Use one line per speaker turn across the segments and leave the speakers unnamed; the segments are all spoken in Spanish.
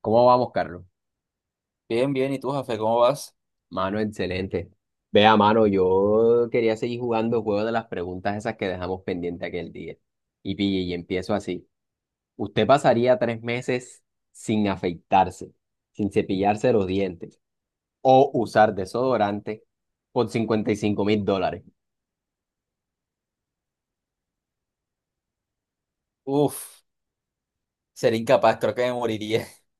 ¿Cómo vamos, Carlos?
Bien, bien. ¿Y tú, Jafe, cómo vas?
Mano, excelente. Vea, mano, yo quería seguir jugando el juego de las preguntas esas que dejamos pendiente aquel día. Y pille, y empiezo así. ¿Usted pasaría 3 meses sin afeitarse, sin cepillarse los dientes o usar desodorante por $55,000?
Uf, sería incapaz, creo que me moriría.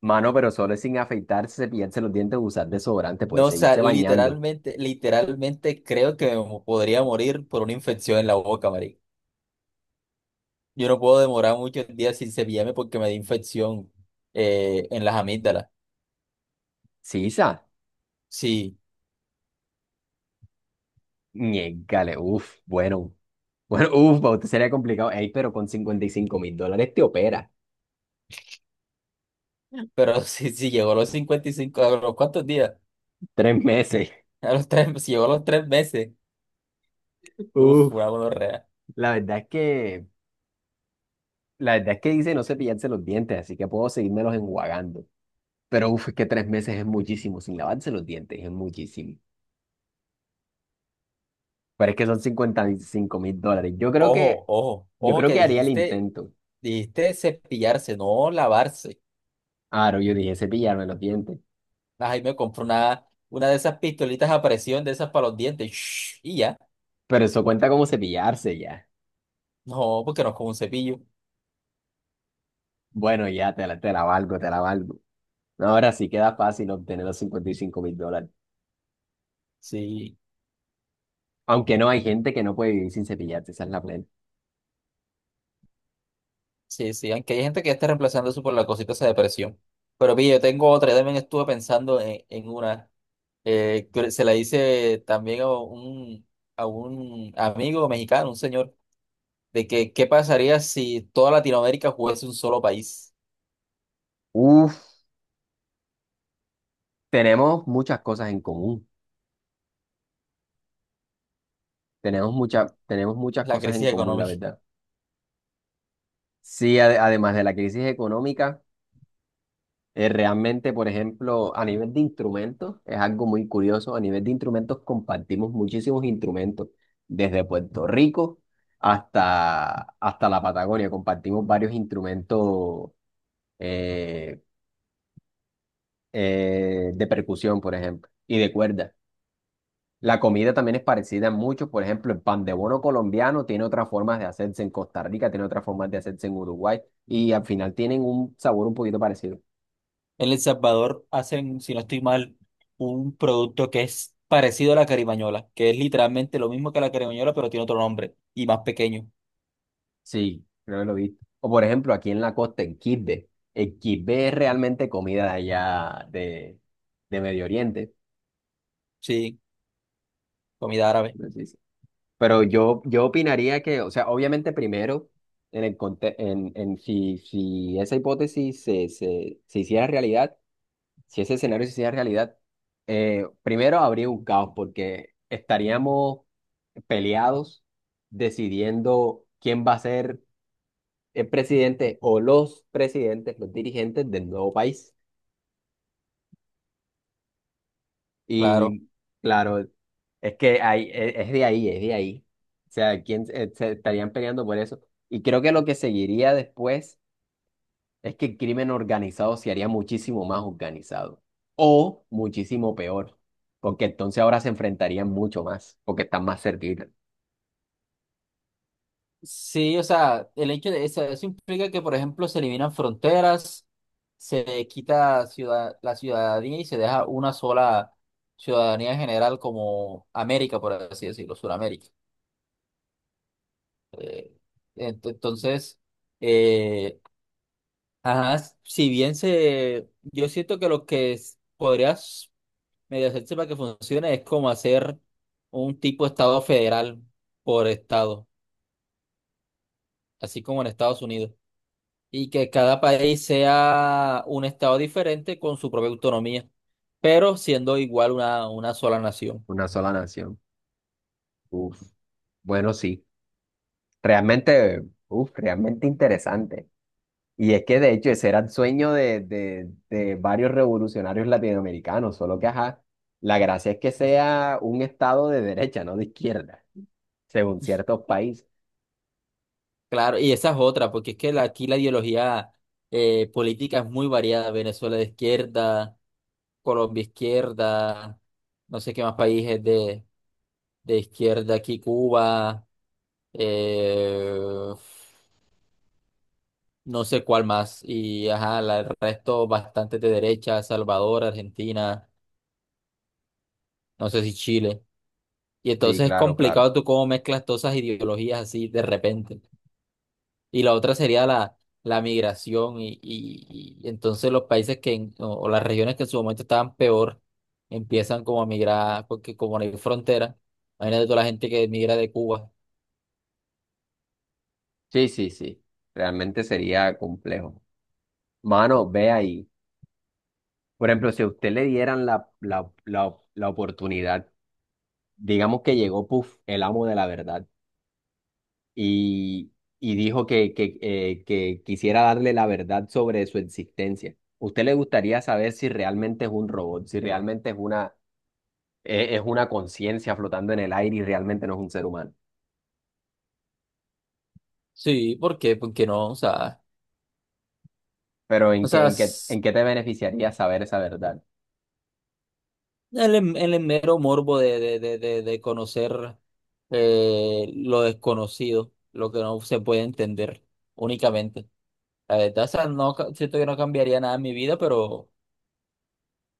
Mano, pero solo es sin afeitarse, cepillarse los dientes, usar desodorante, puede
No, o sea,
seguirse bañando.
literalmente, literalmente creo que podría morir por una infección en la boca, marica. Yo no puedo demorar muchos días sin cepillarme porque me di infección en las amígdalas.
Sí, sa.
Sí,
Niégale, uf, bueno. Bueno, uf, para usted sería complicado. Ey, pero con $55,000 te opera.
pero si llegó a los 55, ¿a los cuántos días?
3 meses.
A los tres, si llegó a los 3 meses. Uf, una
Uf,
gonorrea.
la verdad es que, la verdad es que dice no cepillarse los dientes, así que puedo seguírmelos enjuagando. Pero uf, es que 3 meses es muchísimo, sin lavarse los dientes es muchísimo. Pero es que son $55,000.
Ojo, ojo,
Yo
ojo,
creo
que
que haría el intento.
dijiste cepillarse, no lavarse.
Claro, yo dije cepillarme los dientes,
Ahí me compré una de esas pistolitas a presión, de esas para los dientes. Shhh, y ya.
pero eso cuenta como cepillarse ya.
No, porque no es como un cepillo.
Bueno, ya te la valgo, te la valgo. Ahora sí queda fácil obtener los $55,000.
Sí,
Aunque no, hay gente que no puede vivir sin cepillarse, esa es la plena.
sí, sí. Aunque hay gente que ya está reemplazando eso por la cosita esa de presión. Pero pille, yo tengo otra. Yo también estuve pensando en una. Que se la hice también a un amigo mexicano, un señor, de que qué pasaría si toda Latinoamérica fuese un solo país.
Uf, tenemos muchas cosas en común. Tenemos muchas
La
cosas en
crisis
común, la
económica.
verdad. Sí, además de la crisis económica, realmente, por ejemplo, a nivel de instrumentos, es algo muy curioso. A nivel de instrumentos compartimos muchísimos instrumentos, desde Puerto Rico hasta la Patagonia. Compartimos varios instrumentos eh, de percusión, por ejemplo, y de cuerda. La comida también es parecida en muchos, por ejemplo, el pan de bono colombiano tiene otras formas de hacerse en Costa Rica, tiene otras formas de hacerse en Uruguay y al final tienen un sabor un poquito parecido.
En El Salvador hacen, si no estoy mal, un producto que es parecido a la carimañola, que es literalmente lo mismo que la carimañola, pero tiene otro nombre y más pequeño.
Sí, creo que lo he visto. O por ejemplo, aquí en la costa, en Quibbe. El Quibbe es realmente comida de allá de Medio Oriente.
Sí, comida árabe,
Por así... Pero yo opinaría que, o sea, obviamente primero, en el, conte- en si esa hipótesis se hiciera realidad. Si ese escenario se hiciera realidad, primero habría un caos porque estaríamos peleados decidiendo quién va a ser el presidente o los presidentes, los dirigentes del nuevo país.
claro.
Y claro, es que es de ahí, es de ahí. O sea, quién se estarían peleando por eso. Y creo que lo que seguiría después es que el crimen organizado se haría muchísimo más organizado o muchísimo peor, porque entonces ahora se enfrentarían mucho más, porque están más cerquita,
Sí, o sea, el hecho de eso, eso implica que, por ejemplo, se eliminan fronteras, se la ciudadanía y se deja una sola ciudadanía en general como América, por así decirlo, Sudamérica. Eh, ent- entonces... eh, Ajá, si bien yo siento que lo que podrías medio hacerse para que funcione es como hacer un tipo de estado federal por estado, así como en Estados Unidos, y que cada país sea un estado diferente con su propia autonomía, pero siendo igual una sola nación.
una sola nación. Uf, bueno, sí, realmente, uf, realmente interesante. Y es que de hecho ese era el sueño de varios revolucionarios latinoamericanos, solo que, ajá, la gracia es que sea un estado de derecha, no de izquierda, según ciertos países.
Claro, y esa es otra, porque es que aquí la ideología política es muy variada, Venezuela de izquierda, Colombia izquierda, no sé qué más países de izquierda aquí Cuba, eh, no sé cuál más, y ajá, el resto bastante de derecha, Salvador, Argentina, no sé si Chile. Y
Sí,
entonces es
claro, claro.
complicado tú cómo mezclas todas esas ideologías así de repente. Y la otra sería la migración y entonces los países que, o las regiones que en su momento estaban peor, empiezan como a migrar, porque como no hay frontera, imagínate toda la gente que migra de Cuba.
Sí, sí, sí, realmente sería complejo. Mano, ve ahí. Por ejemplo, si a usted le dieran la oportunidad, digamos que llegó Puff, el amo de la verdad, y, y dijo que quisiera darle la verdad sobre su existencia. ¿Usted le gustaría saber si realmente es un robot, si realmente es una conciencia flotando en el aire y realmente no es un ser humano?
Sí, ¿por qué? Porque no,
Pero
o sea,
en qué te beneficiaría saber esa verdad?
El mero morbo de conocer lo desconocido, lo que no se puede entender únicamente. La verdad, o sea, no, siento que no cambiaría nada en mi vida, pero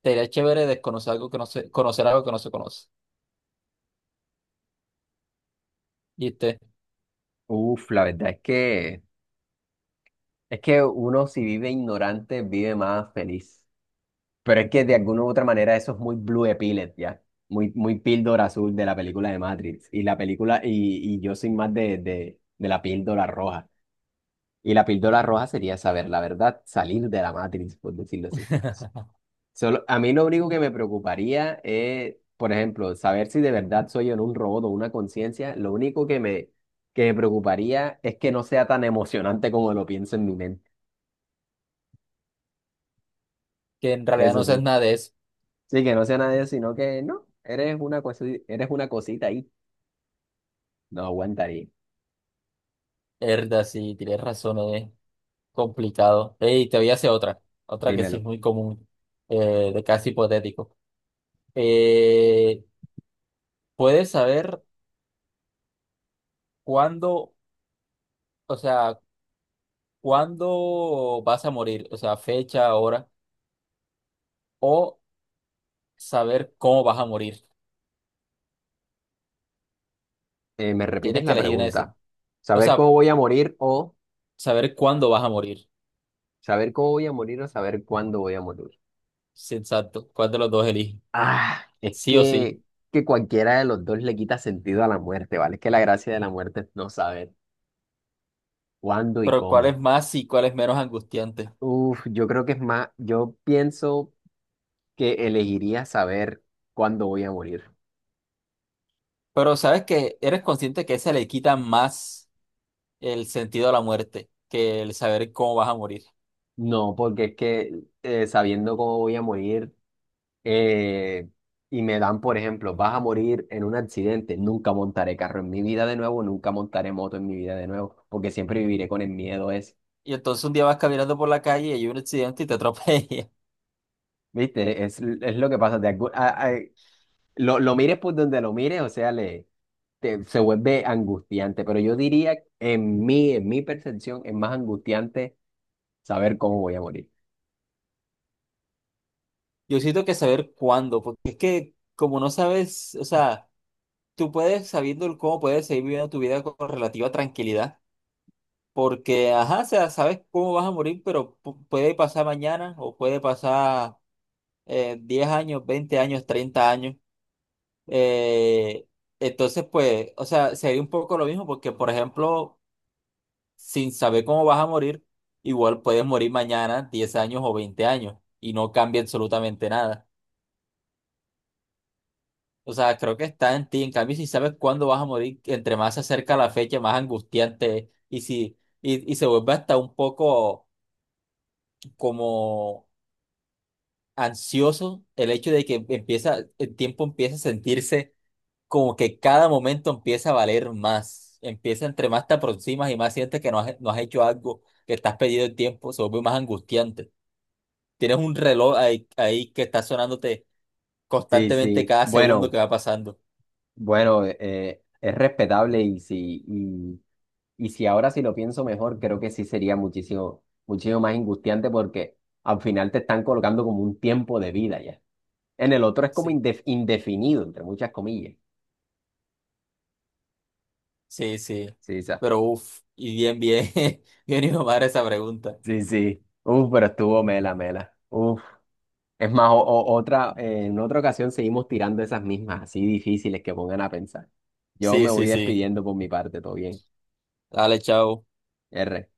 sería chévere desconocer algo que no se, conocer algo que no se conoce. Y usted,
Uf, la verdad es que uno si vive ignorante, vive más feliz. Pero es que de alguna u otra manera eso es muy Blue Pilot, ¿ya? Muy, muy píldora azul de la película de Matrix. Y la película, y yo soy más de la píldora roja. Y la píldora roja sería saber la verdad, salir de la Matrix, por decirlo así. Solo, a mí lo único que me preocuparía es, por ejemplo, saber si de verdad soy en un robot o una conciencia. Lo único que me preocuparía es que no sea tan emocionante como lo pienso en mi mente.
que en realidad
Eso
no
sí.
sabes nada de eso.
Sí, que no sea nadie, sino que no, eres una cosita ahí. No aguantaría.
Herda, sí, tienes razón, es complicado. Y te voy a hacer otra que sí
Dímelo.
es muy común, de casi hipotético. Eh, ¿puedes saber cuándo? O sea, ¿cuándo vas a morir, o sea, fecha, hora, o saber cómo vas a morir?
¿Me repites
Tienes que
la
elegir una de esas.
pregunta?
O
¿Saber cómo
sea,
voy a morir o
saber cuándo vas a morir.
saber cómo voy a morir o saber cuándo voy a morir?
Sí, exacto. ¿Cuál de los dos eliges?
Ah, es
Sí o sí.
que cualquiera de los dos le quita sentido a la muerte, ¿vale? Es que la gracia de la muerte es no saber cuándo y
Pero ¿cuál es
cómo.
más y cuál es menos angustiante?
Uf, yo creo que es más, yo pienso que elegiría saber cuándo voy a morir.
Pero sabes que eres consciente que esa le quita más el sentido a la muerte que el saber cómo vas a morir.
No, porque es que sabiendo cómo voy a morir eh, y me dan, por ejemplo, vas a morir en un accidente, nunca montaré carro en mi vida de nuevo, nunca montaré moto en mi vida de nuevo, porque siempre viviré con el miedo ese.
Y entonces un día vas caminando por la calle y hay un accidente y te atropella.
¿Viste? Es lo que pasa. De algún- a- lo mires por donde lo mires, o sea, se vuelve angustiante, pero yo diría, en mí, en mi percepción, es más angustiante saber cómo voy a morir.
Yo siento que saber cuándo, porque es que como no sabes, o sea... Tú puedes, sabiendo cómo puedes seguir viviendo tu vida con relativa tranquilidad, porque, ajá, o sea, sabes cómo vas a morir, pero puede pasar mañana o puede pasar 10 años, 20 años, 30 años. eh, entonces, pues, o sea, sería un poco lo mismo, porque, por ejemplo, sin saber cómo vas a morir, igual puedes morir mañana, 10 años o 20 años, y no cambia absolutamente nada. O sea, creo que está en ti. En cambio, si sabes cuándo vas a morir, entre más se acerca la fecha, más angustiante es. Y si, se vuelve hasta un poco como ansioso el hecho de que empieza, el tiempo empieza a sentirse como que cada momento empieza a valer más. Empieza entre más te aproximas y más sientes que no has hecho algo, que estás perdido el tiempo, se vuelve más angustiante. Tienes un reloj ahí que está sonándote
Sí,
constantemente
sí.
cada segundo
Bueno,
que va pasando.
bueno, es respetable y sí. Y si ahora sí lo pienso mejor, creo que sí sería muchísimo, muchísimo más angustiante porque al final te están colocando como un tiempo de vida ya. En el otro es como
Sí.
indefinido, entre muchas comillas.
Sí, sí.
Sí, sa-
Pero uff, y bien, bien, bien innovada esa pregunta.
sí, sí. Uf, pero estuvo mela, mela. Uf. Es más, otra, en otra ocasión seguimos tirando esas mismas, así difíciles que pongan a pensar. Yo
Sí,
me
sí,
voy
sí.
despidiendo por mi parte, todo bien.
Dale, chao.
R.